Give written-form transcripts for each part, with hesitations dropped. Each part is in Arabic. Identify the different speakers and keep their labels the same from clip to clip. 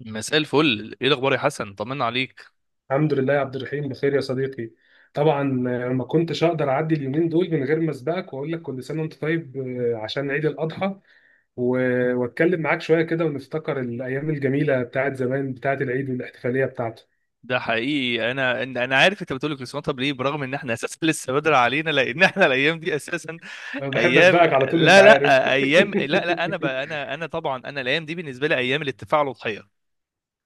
Speaker 1: مساء الفل، ايه الاخبار يا حسن؟ طمنا عليك.
Speaker 2: الحمد لله يا عبد الرحيم، بخير يا صديقي. طبعا. ما كنتش اقدر اعدي اليومين دول من غير ما اسبقك واقول لك كل سنه وانت طيب، عشان عيد الاضحى. واتكلم معاك شويه كده ونفتكر الايام الجميله بتاعت زمان، بتاعت العيد والاحتفاليه بتاعته.
Speaker 1: ده حقيقي، انا عارف انت بتقول الكريسماس. طب ليه؟ برغم ان احنا اساسا لسه بدري علينا، لان احنا الايام دي اساسا
Speaker 2: انا بحب
Speaker 1: ايام،
Speaker 2: اسبقك على طول، انت
Speaker 1: لا
Speaker 2: عارف.
Speaker 1: لا، ايام، لا لا، انا بقى انا انا طبعا انا الايام دي بالنسبه لي ايام الاتفاق على الاضحيه.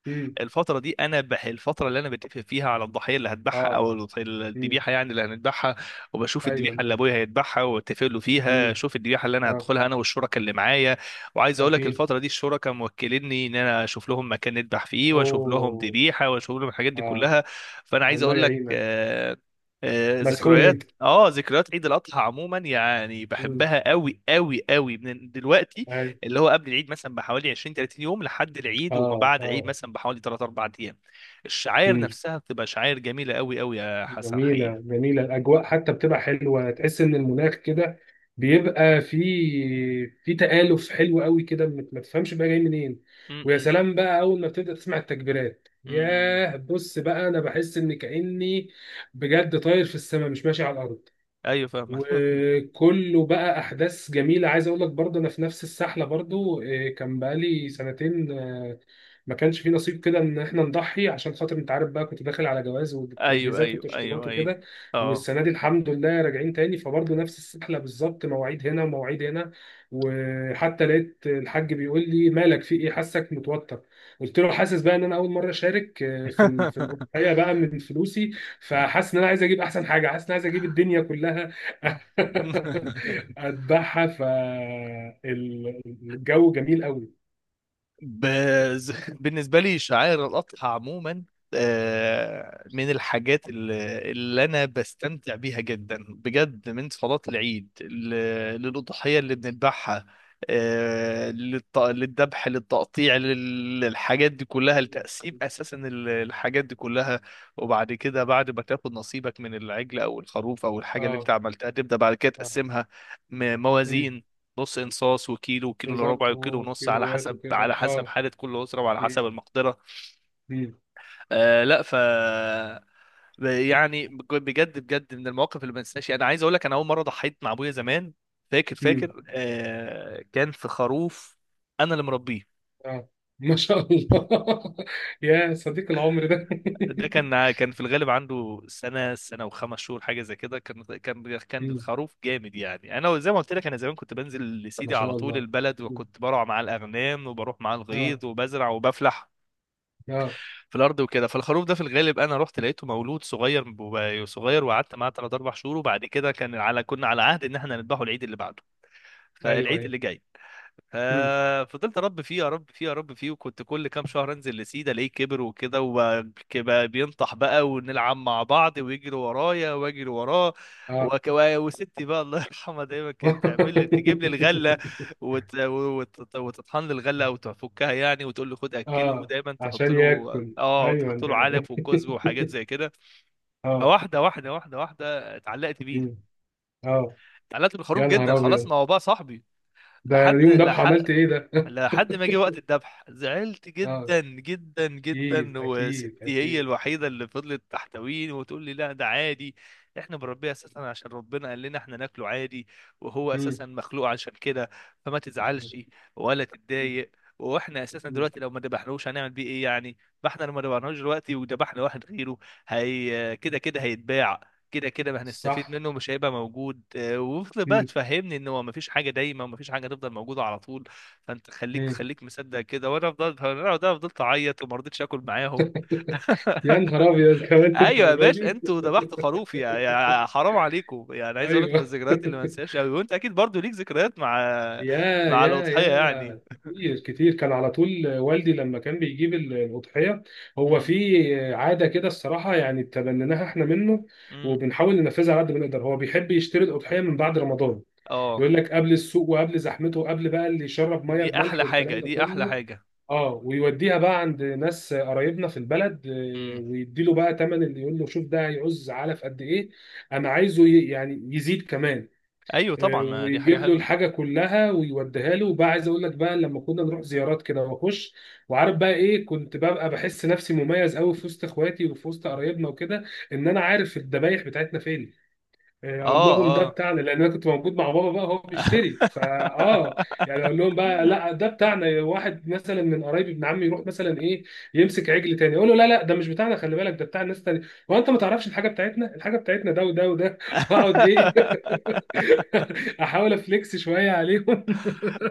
Speaker 2: امم
Speaker 1: الفترة دي أنا بح الفترة اللي أنا بتفق فيها على الضحية اللي هذبحها،
Speaker 2: اه. امم
Speaker 1: الذبيحة، يعني اللي هنذبحها، وبشوف الذبيحة اللي
Speaker 2: ايوه.
Speaker 1: أبويا هيذبحها وأتفق له
Speaker 2: امم
Speaker 1: فيها، أشوف الذبيحة اللي أنا
Speaker 2: اه.
Speaker 1: هدخلها أنا والشركاء اللي معايا. وعايز أقول لك
Speaker 2: اكيد.
Speaker 1: الفترة دي الشركاء موكليني إن أنا أشوف لهم مكان نذبح فيه وأشوف لهم
Speaker 2: اوه.
Speaker 1: ذبيحة وأشوف لهم الحاجات دي
Speaker 2: اه.
Speaker 1: كلها. فأنا عايز
Speaker 2: الله
Speaker 1: أقول لك
Speaker 2: يعينك. مسحول
Speaker 1: ذكريات
Speaker 2: انت.
Speaker 1: ذكريات عيد الاضحى عموما، يعني
Speaker 2: امم
Speaker 1: بحبها قوي قوي قوي من دلوقتي،
Speaker 2: ايوه.
Speaker 1: اللي هو قبل العيد مثلا بحوالي 20 30 يوم لحد العيد، وما
Speaker 2: اه.
Speaker 1: بعد العيد
Speaker 2: اه.
Speaker 1: مثلا بحوالي 3 4 ايام. الشعاير نفسها بتبقى شعاير جميله قوي قوي يا حسن،
Speaker 2: جميلة
Speaker 1: حقيقه.
Speaker 2: جميلة، الأجواء حتى بتبقى حلوة، تحس إن المناخ كده بيبقى في، في تآلف حلو قوي كده، ما ما تفهمش بقى جاي منين.
Speaker 1: م-
Speaker 2: ويا
Speaker 1: م-
Speaker 2: سلام بقى، أول ما بتبدأ تسمع التكبيرات،
Speaker 1: م- م.
Speaker 2: ياه، بص بقى، أنا بحس إن كأني بجد طاير في السماء مش ماشي على الأرض.
Speaker 1: ايوه فاهم.
Speaker 2: وكله بقى احداث جميله. عايز اقول لك برضه انا في نفس السحله برضه، كان بقالي سنتين ما كانش في نصيب كده ان احنا نضحي، عشان خاطر انت عارف بقى كنت داخل على جواز
Speaker 1: ايوه
Speaker 2: والتجهيزات
Speaker 1: ايوه
Speaker 2: والتشطيبات
Speaker 1: ايوه ايوه.
Speaker 2: وكده.
Speaker 1: اه.
Speaker 2: والسنه دي الحمد لله راجعين تاني، فبرضه نفس السحله بالظبط، مواعيد هنا ومواعيد هنا. وحتى لقيت الحاج بيقول لي مالك، في ايه، حاسك متوتر. قلت له حاسس بقى ان انا اول مره اشارك، في في الاضحيه بقى من فلوسي. فحاسس ان انا عايز اجيب احسن حاجه، حاسس ان انا عايز اجيب الدنيا كلها اتبعها. فالجو جميل قوي.
Speaker 1: بز... بالنسبة لي شعائر الأضحى عموما، من الحاجات اللي أنا بستمتع بيها جدا بجد، من صلاة العيد للأضحية اللي بنذبحها، للذبح، للتقطيع، للحاجات دي كلها، لتقسيم أساسا الحاجات دي كلها. وبعد كده، بعد ما تاخد نصيبك من العجل أو الخروف أو الحاجة اللي أنت
Speaker 2: اه
Speaker 1: عملتها، تبدأ بعد كده
Speaker 2: اه.
Speaker 1: تقسمها،
Speaker 2: مم.
Speaker 1: موازين، نص انصاص وكيلو وكيلو الا ربع
Speaker 2: بالظبط،
Speaker 1: وكيلو ونص، على
Speaker 2: وكيلوات
Speaker 1: حسب،
Speaker 2: وكده،
Speaker 1: على حسب
Speaker 2: اه.
Speaker 1: حالة كل أسرة وعلى حسب
Speaker 2: مم.
Speaker 1: المقدرة.
Speaker 2: مم.
Speaker 1: آه لا ف يعني بجد بجد من المواقف اللي ما انساهاش، انا عايز اقول لك، انا اول مرة ضحيت مع ابويا زمان، فاكر
Speaker 2: مم.
Speaker 1: فاكر آه كان في خروف انا اللي مربيه.
Speaker 2: اه. ما شاء الله يا صديق العمر ده.
Speaker 1: ده كان كان في الغالب عنده سنة سنة وخمس شهور حاجة زي كده. كان كان كان
Speaker 2: مم.
Speaker 1: الخروف جامد يعني. أنا زي ما قلت لك، أنا زمان كنت بنزل
Speaker 2: ما
Speaker 1: لسيدي على
Speaker 2: شاء
Speaker 1: طول
Speaker 2: الله.
Speaker 1: البلد،
Speaker 2: مم.
Speaker 1: وكنت بروح مع الأغنام وبروح مع
Speaker 2: اه
Speaker 1: الغيط وبزرع وبفلح
Speaker 2: اه.
Speaker 1: في الارض وكده. فالخروف ده في الغالب انا رحت لقيته مولود صغير صغير، وقعدت معاه 3 4 شهور، وبعد كده كان على، كنا على عهد ان احنا نذبحه العيد اللي بعده،
Speaker 2: ايوه
Speaker 1: فالعيد
Speaker 2: ايوه.
Speaker 1: اللي جاي
Speaker 2: مم.
Speaker 1: ففضلت اربي فيه اربي فيه اربي فيه. وكنت كل كام شهر انزل لسيده الاقيه كبر وكده، وبقى بينطح بقى ونلعب مع بعض ويجري ورايا واجري وراه.
Speaker 2: اه
Speaker 1: وك... وستي بقى الله يرحمها دايما كانت تعمل لي تجيب لي الغله، وتطحن لي الغله او تفكها يعني، وتقول لي خد اكله،
Speaker 2: اه.
Speaker 1: ودايما تحط
Speaker 2: عشان
Speaker 1: له
Speaker 2: ياكل.
Speaker 1: اه،
Speaker 2: ايوه
Speaker 1: وتحط له
Speaker 2: ده.
Speaker 1: علف وكزب وحاجات زي كده.
Speaker 2: اه.
Speaker 1: فواحده واحده اتعلقت
Speaker 2: مم.
Speaker 1: بيه،
Speaker 2: اه.
Speaker 1: اتعلقت بالخروف
Speaker 2: يا
Speaker 1: جدا
Speaker 2: نهار
Speaker 1: خلاص،
Speaker 2: ابيض،
Speaker 1: ما هو بقى صاحبي.
Speaker 2: ده
Speaker 1: لحد
Speaker 2: اليوم ده
Speaker 1: لحق
Speaker 2: عملت ايه ده؟
Speaker 1: لحد ما جه وقت الذبح زعلت
Speaker 2: اه،
Speaker 1: جدا جدا
Speaker 2: اكيد
Speaker 1: جدا،
Speaker 2: اكيد
Speaker 1: وستي هي
Speaker 2: اكيد.
Speaker 1: الوحيده اللي فضلت تحتويني وتقول لي لا ده عادي، احنا بنربيه اساسا عشان ربنا قال لنا احنا ناكله عادي، وهو
Speaker 2: مم.
Speaker 1: اساسا مخلوق عشان كده، فما
Speaker 2: مم.
Speaker 1: تزعلش ولا تتضايق. واحنا اساسا
Speaker 2: مم.
Speaker 1: دلوقتي لو ما ذبحناهوش هنعمل بيه ايه يعني؟ ما احنا لو ما ذبحناهوش دلوقتي وذبحنا واحد غيره، هي كده كده هيتباع، كده كده ما هنستفيد
Speaker 2: صح.
Speaker 1: منه، مش هيبقى موجود. وفضل بقى
Speaker 2: مم.
Speaker 1: تفهمني ان هو ما فيش حاجه دايما، وما فيش حاجه تفضل موجوده على طول، فانت خليك
Speaker 2: مم.
Speaker 1: خليك مصدق كده. وانا فضلت، انا ده فضلت اعيط وما رضيتش اكل معاهم.
Speaker 2: يا نهار ابيض كمان
Speaker 1: ايوه يا
Speaker 2: الدرجه
Speaker 1: باشا،
Speaker 2: دي.
Speaker 1: انتوا ذبحتوا خروف، يا يا حرام عليكم. يعني عايز اقول لك من
Speaker 2: ايوه.
Speaker 1: الذكريات اللي ما انساهاش قوي، وانت اكيد برضو ليك ذكريات مع
Speaker 2: يا. يا.
Speaker 1: الاضحيه يعني.
Speaker 2: يا كتير كتير، كان على طول والدي لما كان بيجيب الأضحية. هو
Speaker 1: امم.
Speaker 2: في عادة كده الصراحة يعني تبنيناها احنا منه،
Speaker 1: امم.
Speaker 2: وبنحاول ننفذها على قد ما نقدر. هو بيحب يشتري الأضحية من بعد رمضان.
Speaker 1: اه.
Speaker 2: يقول لك قبل السوق وقبل زحمته وقبل بقى اللي يشرب ميه
Speaker 1: دي
Speaker 2: بملح
Speaker 1: احلى حاجه،
Speaker 2: والكلام ده
Speaker 1: دي احلى
Speaker 2: كله.
Speaker 1: حاجه.
Speaker 2: اه. ويوديها بقى عند ناس قرايبنا في البلد،
Speaker 1: امم.
Speaker 2: ويديله بقى تمن، اللي يقول له شوف ده هيعوز علف قد ايه، انا عايزه يعني يزيد كمان.
Speaker 1: ايوه طبعا، ما دي حاجه
Speaker 2: ويجيب له
Speaker 1: حلوه.
Speaker 2: الحاجه كلها ويوديها له. وبقى عايز اقول لك بقى، لما كنا نروح زيارات كده واخش، وعارف بقى ايه، كنت ببقى بحس نفسي مميز قوي في وسط اخواتي وفي وسط قرايبنا وكده، ان انا عارف الذبايح بتاعتنا فين. اقول
Speaker 1: اه.
Speaker 2: لهم ده
Speaker 1: اه.
Speaker 2: بتاعنا، لان انا كنت موجود مع بابا بقى هو بيشتري، فا. اه. يعني اقول لهم بقى لا ده بتاعنا. واحد مثلا من قرايبي، ابن عمي، يروح مثلا ايه، يمسك عجل تاني، اقول له لا لا ده مش بتاعنا، خلي بالك ده بتاع ناس تاني. هو انت ما تعرفش الحاجه بتاعتنا، الحاجه بتاعتنا ده وده وده واقعد ايه. احاول افليكس شويه عليهم.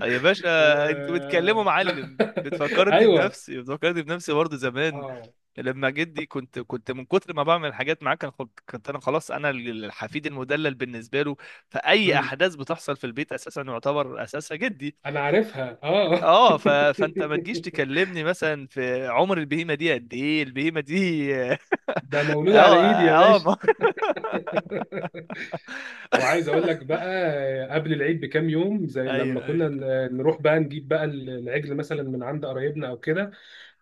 Speaker 1: يا باشا،
Speaker 2: و.
Speaker 1: انتوا بتكلموا معلم، بتفكرني
Speaker 2: ايوه.
Speaker 1: بنفسي، بتفكرني بنفسي برضه زمان
Speaker 2: اه.
Speaker 1: لما جدي، كنت كنت من كتر ما بعمل حاجات معاه كان كنت انا خلاص، انا الحفيد المدلل بالنسبه له. فاي
Speaker 2: مم.
Speaker 1: احداث بتحصل في البيت اساسا يعتبر اساسها جدي.
Speaker 2: انا عارفها، اه.
Speaker 1: اه فانت ما تجيش تكلمني مثلا في عمر البهيمه دي قد ايه، البهيمه دي.
Speaker 2: ده مولود على
Speaker 1: اه
Speaker 2: ايدي يا.
Speaker 1: اه
Speaker 2: وعايز اقول لك بقى، قبل العيد بكام يوم، زي لما
Speaker 1: ايوه
Speaker 2: كنا
Speaker 1: ايوه.
Speaker 2: نروح بقى نجيب بقى العجل مثلا من عند قرايبنا او كده.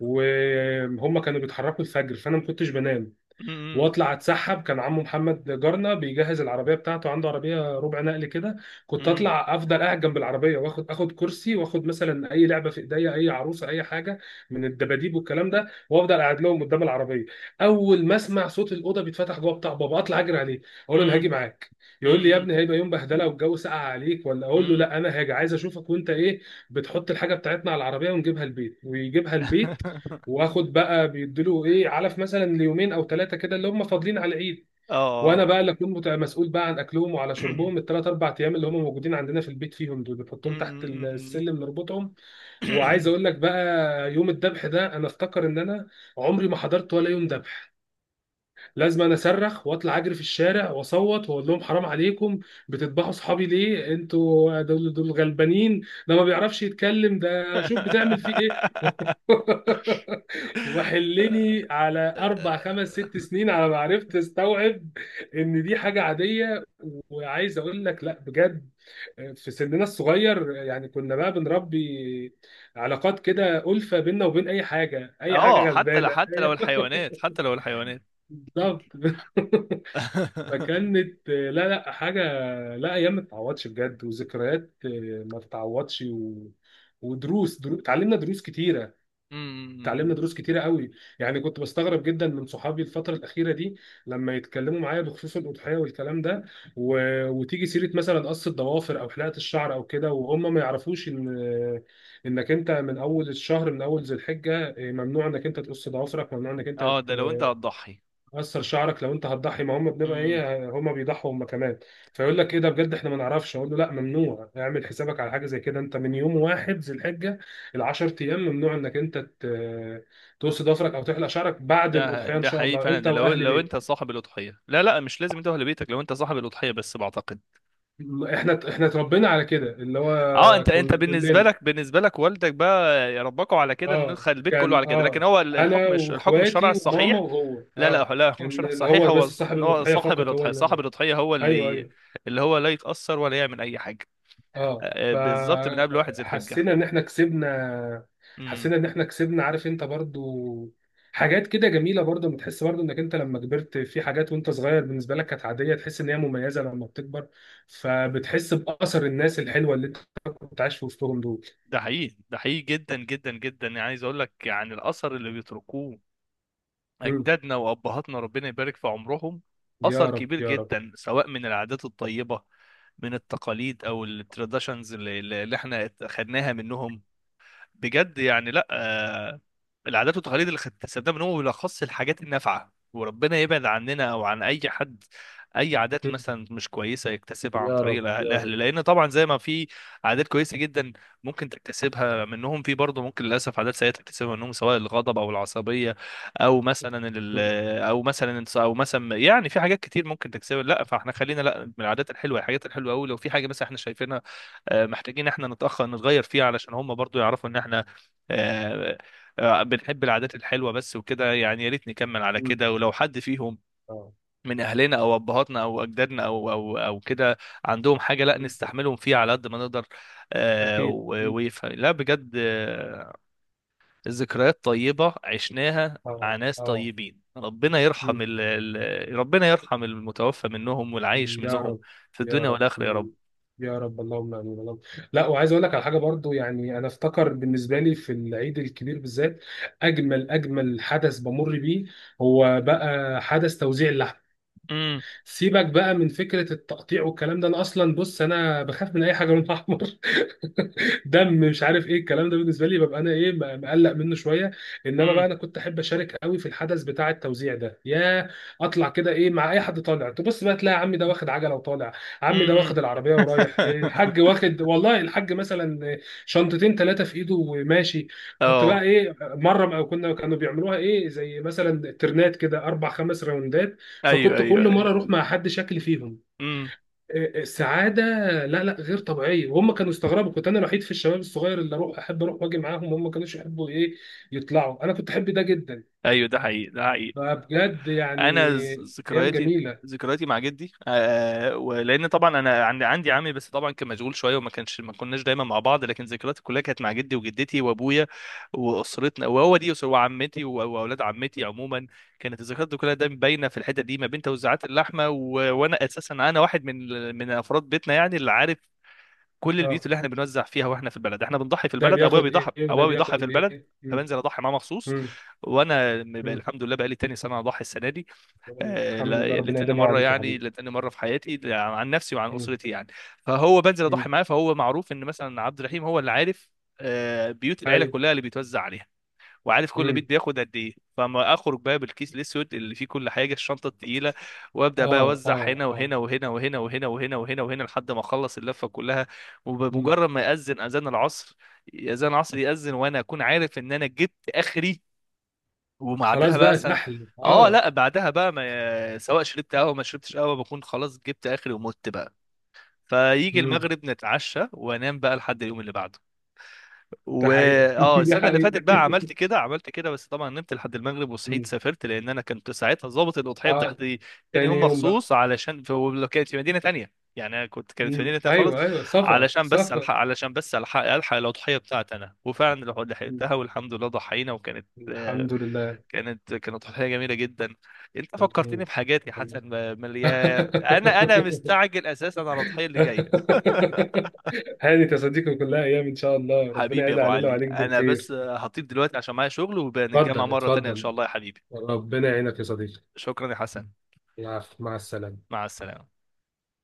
Speaker 2: وهم كانوا بيتحركوا الفجر، فانا ما كنتش بنام.
Speaker 1: م- م-
Speaker 2: واطلع اتسحب، كان عمو محمد جارنا بيجهز العربيه بتاعته، عنده عربيه ربع نقل كده. كنت
Speaker 1: م-
Speaker 2: اطلع افضل قاعد جنب العربيه، واخد، اخد كرسي، واخد مثلا اي لعبه في ايديا، اي عروسه، اي حاجه من الدباديب والكلام ده، وافضل قاعد لهم قدام العربيه. اول ما اسمع صوت الاوضه بيتفتح جوه بتاع بابا، اطلع اجري عليه، اقول له انا
Speaker 1: م-
Speaker 2: هاجي معاك. يقول لي يا
Speaker 1: م-
Speaker 2: ابني هيبقى يوم بهدله والجو ساقع عليك، ولا
Speaker 1: م-
Speaker 2: اقول له
Speaker 1: م.
Speaker 2: لا، انا هاجي، عايز اشوفك وانت ايه. بتحط الحاجه بتاعتنا على العربيه ونجيبها البيت ويجيبها البيت. واخد بقى بيديله ايه، علف مثلا ليومين او ثلاثه كده اللي هم فاضلين على العيد.
Speaker 1: اه.
Speaker 2: وانا
Speaker 1: آه.
Speaker 2: بقى اللي اكون مسؤول بقى عن اكلهم وعلى شربهم الثلاث اربع ايام اللي هم موجودين عندنا في البيت، فيهم دول
Speaker 1: م-
Speaker 2: بنحطهم تحت
Speaker 1: م-
Speaker 2: السلم نربطهم. وعايز
Speaker 1: م-
Speaker 2: اقول لك بقى، يوم الذبح ده انا افتكر ان انا عمري ما حضرت ولا يوم ذبح. لازم انا اصرخ واطلع اجري في الشارع واصوت واقول لهم حرام عليكم، بتذبحوا صحابي ليه، انتوا دول دول غلبانين، ده ما بيعرفش يتكلم، ده شوف بتعمل فيه ايه. وحلني على اربع خمس ست سنين على ما عرفت استوعب ان دي حاجه عاديه. وعايز اقول لك لا بجد، في سننا الصغير يعني كنا بقى بنربي علاقات كده، ألفة بيننا وبين اي حاجه، اي حاجه
Speaker 1: اه حتى لو،
Speaker 2: غلبانه.
Speaker 1: حتى لو الحيوانات، حتى لو الحيوانات.
Speaker 2: بالظبط. فكانت، لا لا حاجه، لا، ايام ما تتعوضش بجد، وذكريات ما تتعوضش. و... ودروس اتعلمنا دروس كتيره. اتعلمنا
Speaker 1: م-
Speaker 2: دروس كتيره قوي. يعني كنت بستغرب جدا من صحابي الفتره الاخيره دي لما يتكلموا معايا بخصوص الاضحيه والكلام ده. و... وتيجي سيره مثلا قص الضوافر او حلقه الشعر او كده، وهم ما يعرفوش ان انك انت من اول الشهر، من اول ذي الحجه، ممنوع انك انت تقص ضوافرك، ممنوع انك انت
Speaker 1: اه، ده لو انت هتضحي.
Speaker 2: قصر شعرك لو انت هتضحي. ما هم بنبقى
Speaker 1: م-
Speaker 2: ايه، هم بيضحوا هم كمان. فيقول لك ايه ده بجد، احنا ما نعرفش. اقول له لا ممنوع، اعمل حسابك على حاجه زي كده، انت من يوم واحد ذي الحجه ال 10 ايام ممنوع انك انت تقص ضفرك او تحلق شعرك بعد
Speaker 1: ده
Speaker 2: الاضحيه ان
Speaker 1: ده
Speaker 2: شاء
Speaker 1: حقيقي
Speaker 2: الله
Speaker 1: فعلا،
Speaker 2: انت
Speaker 1: ده لو
Speaker 2: واهل
Speaker 1: لو انت
Speaker 2: بيتك.
Speaker 1: صاحب الاضحيه، لا لا مش لازم انت اهل بيتك. لو انت صاحب الاضحيه بس بعتقد،
Speaker 2: احنا احنا اتربينا على كده، اللي هو
Speaker 1: اه، انت انت
Speaker 2: كنا
Speaker 1: بالنسبه
Speaker 2: كلنا
Speaker 1: لك، بالنسبه لك والدك بقى ربكوا على كده، ان
Speaker 2: اه،
Speaker 1: البيت كله
Speaker 2: كان
Speaker 1: على كده، لكن
Speaker 2: اه،
Speaker 1: هو
Speaker 2: انا
Speaker 1: الحكم الحكم الشرعي
Speaker 2: واخواتي وماما
Speaker 1: الصحيح،
Speaker 2: وهو،
Speaker 1: لا لا
Speaker 2: اه،
Speaker 1: لا، الحكم
Speaker 2: ان
Speaker 1: الشرعي
Speaker 2: اللي
Speaker 1: الصحيح
Speaker 2: هو بس
Speaker 1: هو
Speaker 2: صاحب
Speaker 1: ان هو
Speaker 2: الاضحيه
Speaker 1: صاحب
Speaker 2: فقط هو
Speaker 1: الاضحيه، صاحب
Speaker 2: اللي.
Speaker 1: الاضحيه هو
Speaker 2: ايوه
Speaker 1: اللي،
Speaker 2: ايوه.
Speaker 1: اللي هو لا يتاثر ولا يعمل اي حاجه،
Speaker 2: اه.
Speaker 1: بالظبط، من قبل واحد ذي الحجه.
Speaker 2: فحسينا ان احنا كسبنا.
Speaker 1: امم.
Speaker 2: حسينا ان احنا كسبنا، عارف انت برضو، حاجات كده جميله برضو. بتحس برضو انك انت لما كبرت في حاجات، وانت صغير بالنسبه لك كانت عاديه، تحس ان هي مميزه لما بتكبر. فبتحس باثر الناس الحلوه اللي انت كنت عايش في وسطهم دول.
Speaker 1: ده حقيقي، ده حقيقي جدا جدا جدا يعني. عايز اقول لك، يعني الاثر اللي بيتركوه
Speaker 2: مم.
Speaker 1: أجدادنا وأبهاتنا ربنا يبارك في عمرهم،
Speaker 2: يا
Speaker 1: أثر
Speaker 2: رب
Speaker 1: كبير
Speaker 2: يا رب.
Speaker 1: جدا، سواء من العادات الطيبة، من التقاليد، أو التراديشنز اللي احنا خدناها منهم، بجد يعني. لا العادات والتقاليد اللي اكتسبناها من هو بالاخص الحاجات النافعه، وربنا يبعد عننا او عن اي حد اي عادات
Speaker 2: مم.
Speaker 1: مثلا مش كويسه يكتسبها عن
Speaker 2: يا رب
Speaker 1: طريق
Speaker 2: يا رب.
Speaker 1: الاهل، لان طبعا زي ما في عادات كويسه جدا ممكن تكتسبها منهم، في برضه ممكن للاسف عادات سيئه تكتسبها منهم، سواء الغضب او العصبيه او مثلا ال-
Speaker 2: مم.
Speaker 1: او مثلا، او مثلا، يعني في حاجات كتير ممكن تكتسبها. لا، فاحنا خلينا، لا، من العادات الحلوه، الحاجات الحلوه قوي، لو في حاجه مثلا احنا شايفينها محتاجين احنا نتأخر نتغير فيه علشان هم برضو يعرفوا ان احنا آه، بنحب العادات الحلوة بس، وكده يعني، يا ريت نكمل على
Speaker 2: مم.
Speaker 1: كده. ولو حد فيهم
Speaker 2: اه.
Speaker 1: من اهلنا او ابهاتنا او اجدادنا او او او كده عندهم حاجة، لا
Speaker 2: مم.
Speaker 1: نستحملهم فيها على قد ما نقدر
Speaker 2: اكيد اكيد.
Speaker 1: ويفهم. لا بجد، ذكريات طيبة عشناها
Speaker 2: اه
Speaker 1: مع ناس
Speaker 2: اه.
Speaker 1: طيبين، ربنا يرحم
Speaker 2: مم.
Speaker 1: ربنا يرحم المتوفى منهم والعايش
Speaker 2: يا
Speaker 1: منهم
Speaker 2: رب
Speaker 1: في
Speaker 2: يا
Speaker 1: الدنيا
Speaker 2: رب.
Speaker 1: والآخرة يا رب.
Speaker 2: يا رب اللهم امين اللهم. لا، وعايز اقول لك على حاجه برضو. يعني انا افتكر بالنسبه لي في العيد الكبير بالذات، اجمل اجمل حدث بمر بيه هو بقى حدث توزيع اللحم. سيبك بقى من فكره التقطيع والكلام ده، انا اصلا بص انا بخاف من اي حاجه لونها احمر، دم مش عارف ايه الكلام ده، بالنسبه لي ببقى انا ايه مقلق منه شويه. انما
Speaker 1: امم.
Speaker 2: بقى انا كنت احب اشارك قوي في الحدث بتاع التوزيع ده يا. اطلع كده ايه مع اي حد طالع، تبص بقى تلاقي عمي ده واخد عجله وطالع، عمي ده
Speaker 1: امم.
Speaker 2: واخد العربيه ورايح الحاج واخد، والله الحاج مثلا شنطتين ثلاثه في ايده وماشي. كنت
Speaker 1: اه.
Speaker 2: بقى ايه، مره أو كنا، كانوا بيعملوها ايه زي مثلا ترنات كده، اربع خمس راوندات.
Speaker 1: ايوه
Speaker 2: فكنت
Speaker 1: ايوه
Speaker 2: كل
Speaker 1: ايوه.
Speaker 2: مره اروح مع حد، شكل فيهم
Speaker 1: امم.
Speaker 2: سعاده لا لا غير طبيعيه. وهم كانوا استغربوا، كنت انا الوحيد في الشباب الصغير اللي اروح، احب اروح واجي معاهم، هم ما كانوش يحبوا ايه يطلعوا، انا كنت احب ده جدا.
Speaker 1: ايوه ده حقيقي، ده حقيقي.
Speaker 2: فبجد يعني، ايام
Speaker 1: ذكرياتي،
Speaker 2: جميله.
Speaker 1: ذكرياتي مع جدي آه، ولان طبعا انا عندي، عندي عمي بس طبعا كان مشغول شويه، وما كانش، ما كناش دايما مع بعض، لكن ذكرياتي كلها كانت مع جدي وجدتي وابويا واسرتنا، وهو دي اسره، وعمتي واولاد عمتي عموما. كانت الذكريات دي كلها دايما باينه في الحته دي ما بين توزيعات اللحمه وانا اساسا انا واحد من من افراد بيتنا، يعني اللي عارف كل
Speaker 2: اه،
Speaker 1: البيوت اللي احنا بنوزع فيها. واحنا في البلد احنا بنضحي في
Speaker 2: ده
Speaker 1: البلد، ابويا
Speaker 2: بياخد
Speaker 1: بيضحي،
Speaker 2: ايه وده
Speaker 1: ابويا بيضحي
Speaker 2: بياخد
Speaker 1: في البلد،
Speaker 2: ايه. مم.
Speaker 1: فبنزل اضحي معاه مخصوص.
Speaker 2: مم.
Speaker 1: وانا
Speaker 2: مم.
Speaker 1: الحمد لله بقى لي تاني سنه اضحي السنه دي،
Speaker 2: الحمد لله، ربنا
Speaker 1: لتاني
Speaker 2: يديمها
Speaker 1: مره،
Speaker 2: عليك يا
Speaker 1: يعني
Speaker 2: حبيبي.
Speaker 1: لتاني مره في حياتي، عن نفسي وعن
Speaker 2: مم.
Speaker 1: اسرتي يعني. فهو بنزل اضحي
Speaker 2: مم.
Speaker 1: معاه، فهو معروف ان مثلا عبد الرحيم هو اللي عارف بيوت العيله
Speaker 2: ايوه.
Speaker 1: كلها اللي بيتوزع عليها، وعارف كل بيت
Speaker 2: مم.
Speaker 1: بياخد قد ايه. فما اخرج بقى بالكيس الاسود اللي فيه كل حاجه، الشنطه التقيله، وابدا بقى
Speaker 2: اه
Speaker 1: اوزع
Speaker 2: اه
Speaker 1: هنا
Speaker 2: اه.
Speaker 1: وهنا وهنا وهنا وهنا وهنا وهنا وهنا لحد ما اخلص اللفه كلها.
Speaker 2: مم.
Speaker 1: وبمجرد ما ياذن اذان العصر، اذان العصر ياذن وانا اكون عارف ان انا جبت اخري. وبعدها
Speaker 2: خلاص
Speaker 1: بقى
Speaker 2: بقى
Speaker 1: مثلا،
Speaker 2: سحل،
Speaker 1: اه
Speaker 2: اه.
Speaker 1: لا، بعدها بقى، ما سواء شربت قهوه، ما شربتش قهوه، بكون خلاص جبت اخري ومت بقى، فيجي
Speaker 2: مم.
Speaker 1: المغرب نتعشى، وانام بقى لحد اليوم اللي بعده.
Speaker 2: ده
Speaker 1: و
Speaker 2: حقيقه.
Speaker 1: اه
Speaker 2: ده
Speaker 1: السنه اللي فاتت
Speaker 2: حقيقه.
Speaker 1: بقى عملت كده، عملت كده، بس طبعا نمت لحد المغرب وصحيت
Speaker 2: مم.
Speaker 1: سافرت، لان انا كنت ساعتها ظابط الاضحيه
Speaker 2: اه.
Speaker 1: بتاعتي تاني
Speaker 2: تاني
Speaker 1: يوم
Speaker 2: يوم بقى.
Speaker 1: مخصوص، علشان في، ولو كانت في مدينه تانية، يعني أنا كنت، كانت في
Speaker 2: مم.
Speaker 1: مدينه تانية خالص،
Speaker 2: ايوه ايوه، سفر
Speaker 1: علشان بس
Speaker 2: سفر.
Speaker 1: الحق، علشان بس الحق، الحق الاضحيه بتاعتي انا، وفعلا
Speaker 2: مم.
Speaker 1: لحقتها، والحمد لله ضحينا وكانت،
Speaker 2: الحمد لله.
Speaker 1: كانت، كانت اضحيه جميله جدا. انت فكرتني
Speaker 2: مم.
Speaker 1: بحاجات يا
Speaker 2: الحمد
Speaker 1: حسن، مليان، انا
Speaker 2: لله.
Speaker 1: مستعجل اساسا على الاضحيه اللي جايه.
Speaker 2: هانت يا صديقي، كلها ايام ان شاء الله، ربنا
Speaker 1: حبيبي يا
Speaker 2: يعيد
Speaker 1: ابو
Speaker 2: علينا
Speaker 1: علي،
Speaker 2: وعليك
Speaker 1: انا
Speaker 2: بالخير.
Speaker 1: بس هطيب دلوقتي عشان معايا شغل، وبنتجمع
Speaker 2: اتفضل
Speaker 1: مرة تانية ان
Speaker 2: اتفضل.
Speaker 1: شاء الله يا حبيبي.
Speaker 2: ربنا يعينك يا صديقي.
Speaker 1: شكرا يا حسن.
Speaker 2: العفو، مع السلامه.
Speaker 1: مع السلامة.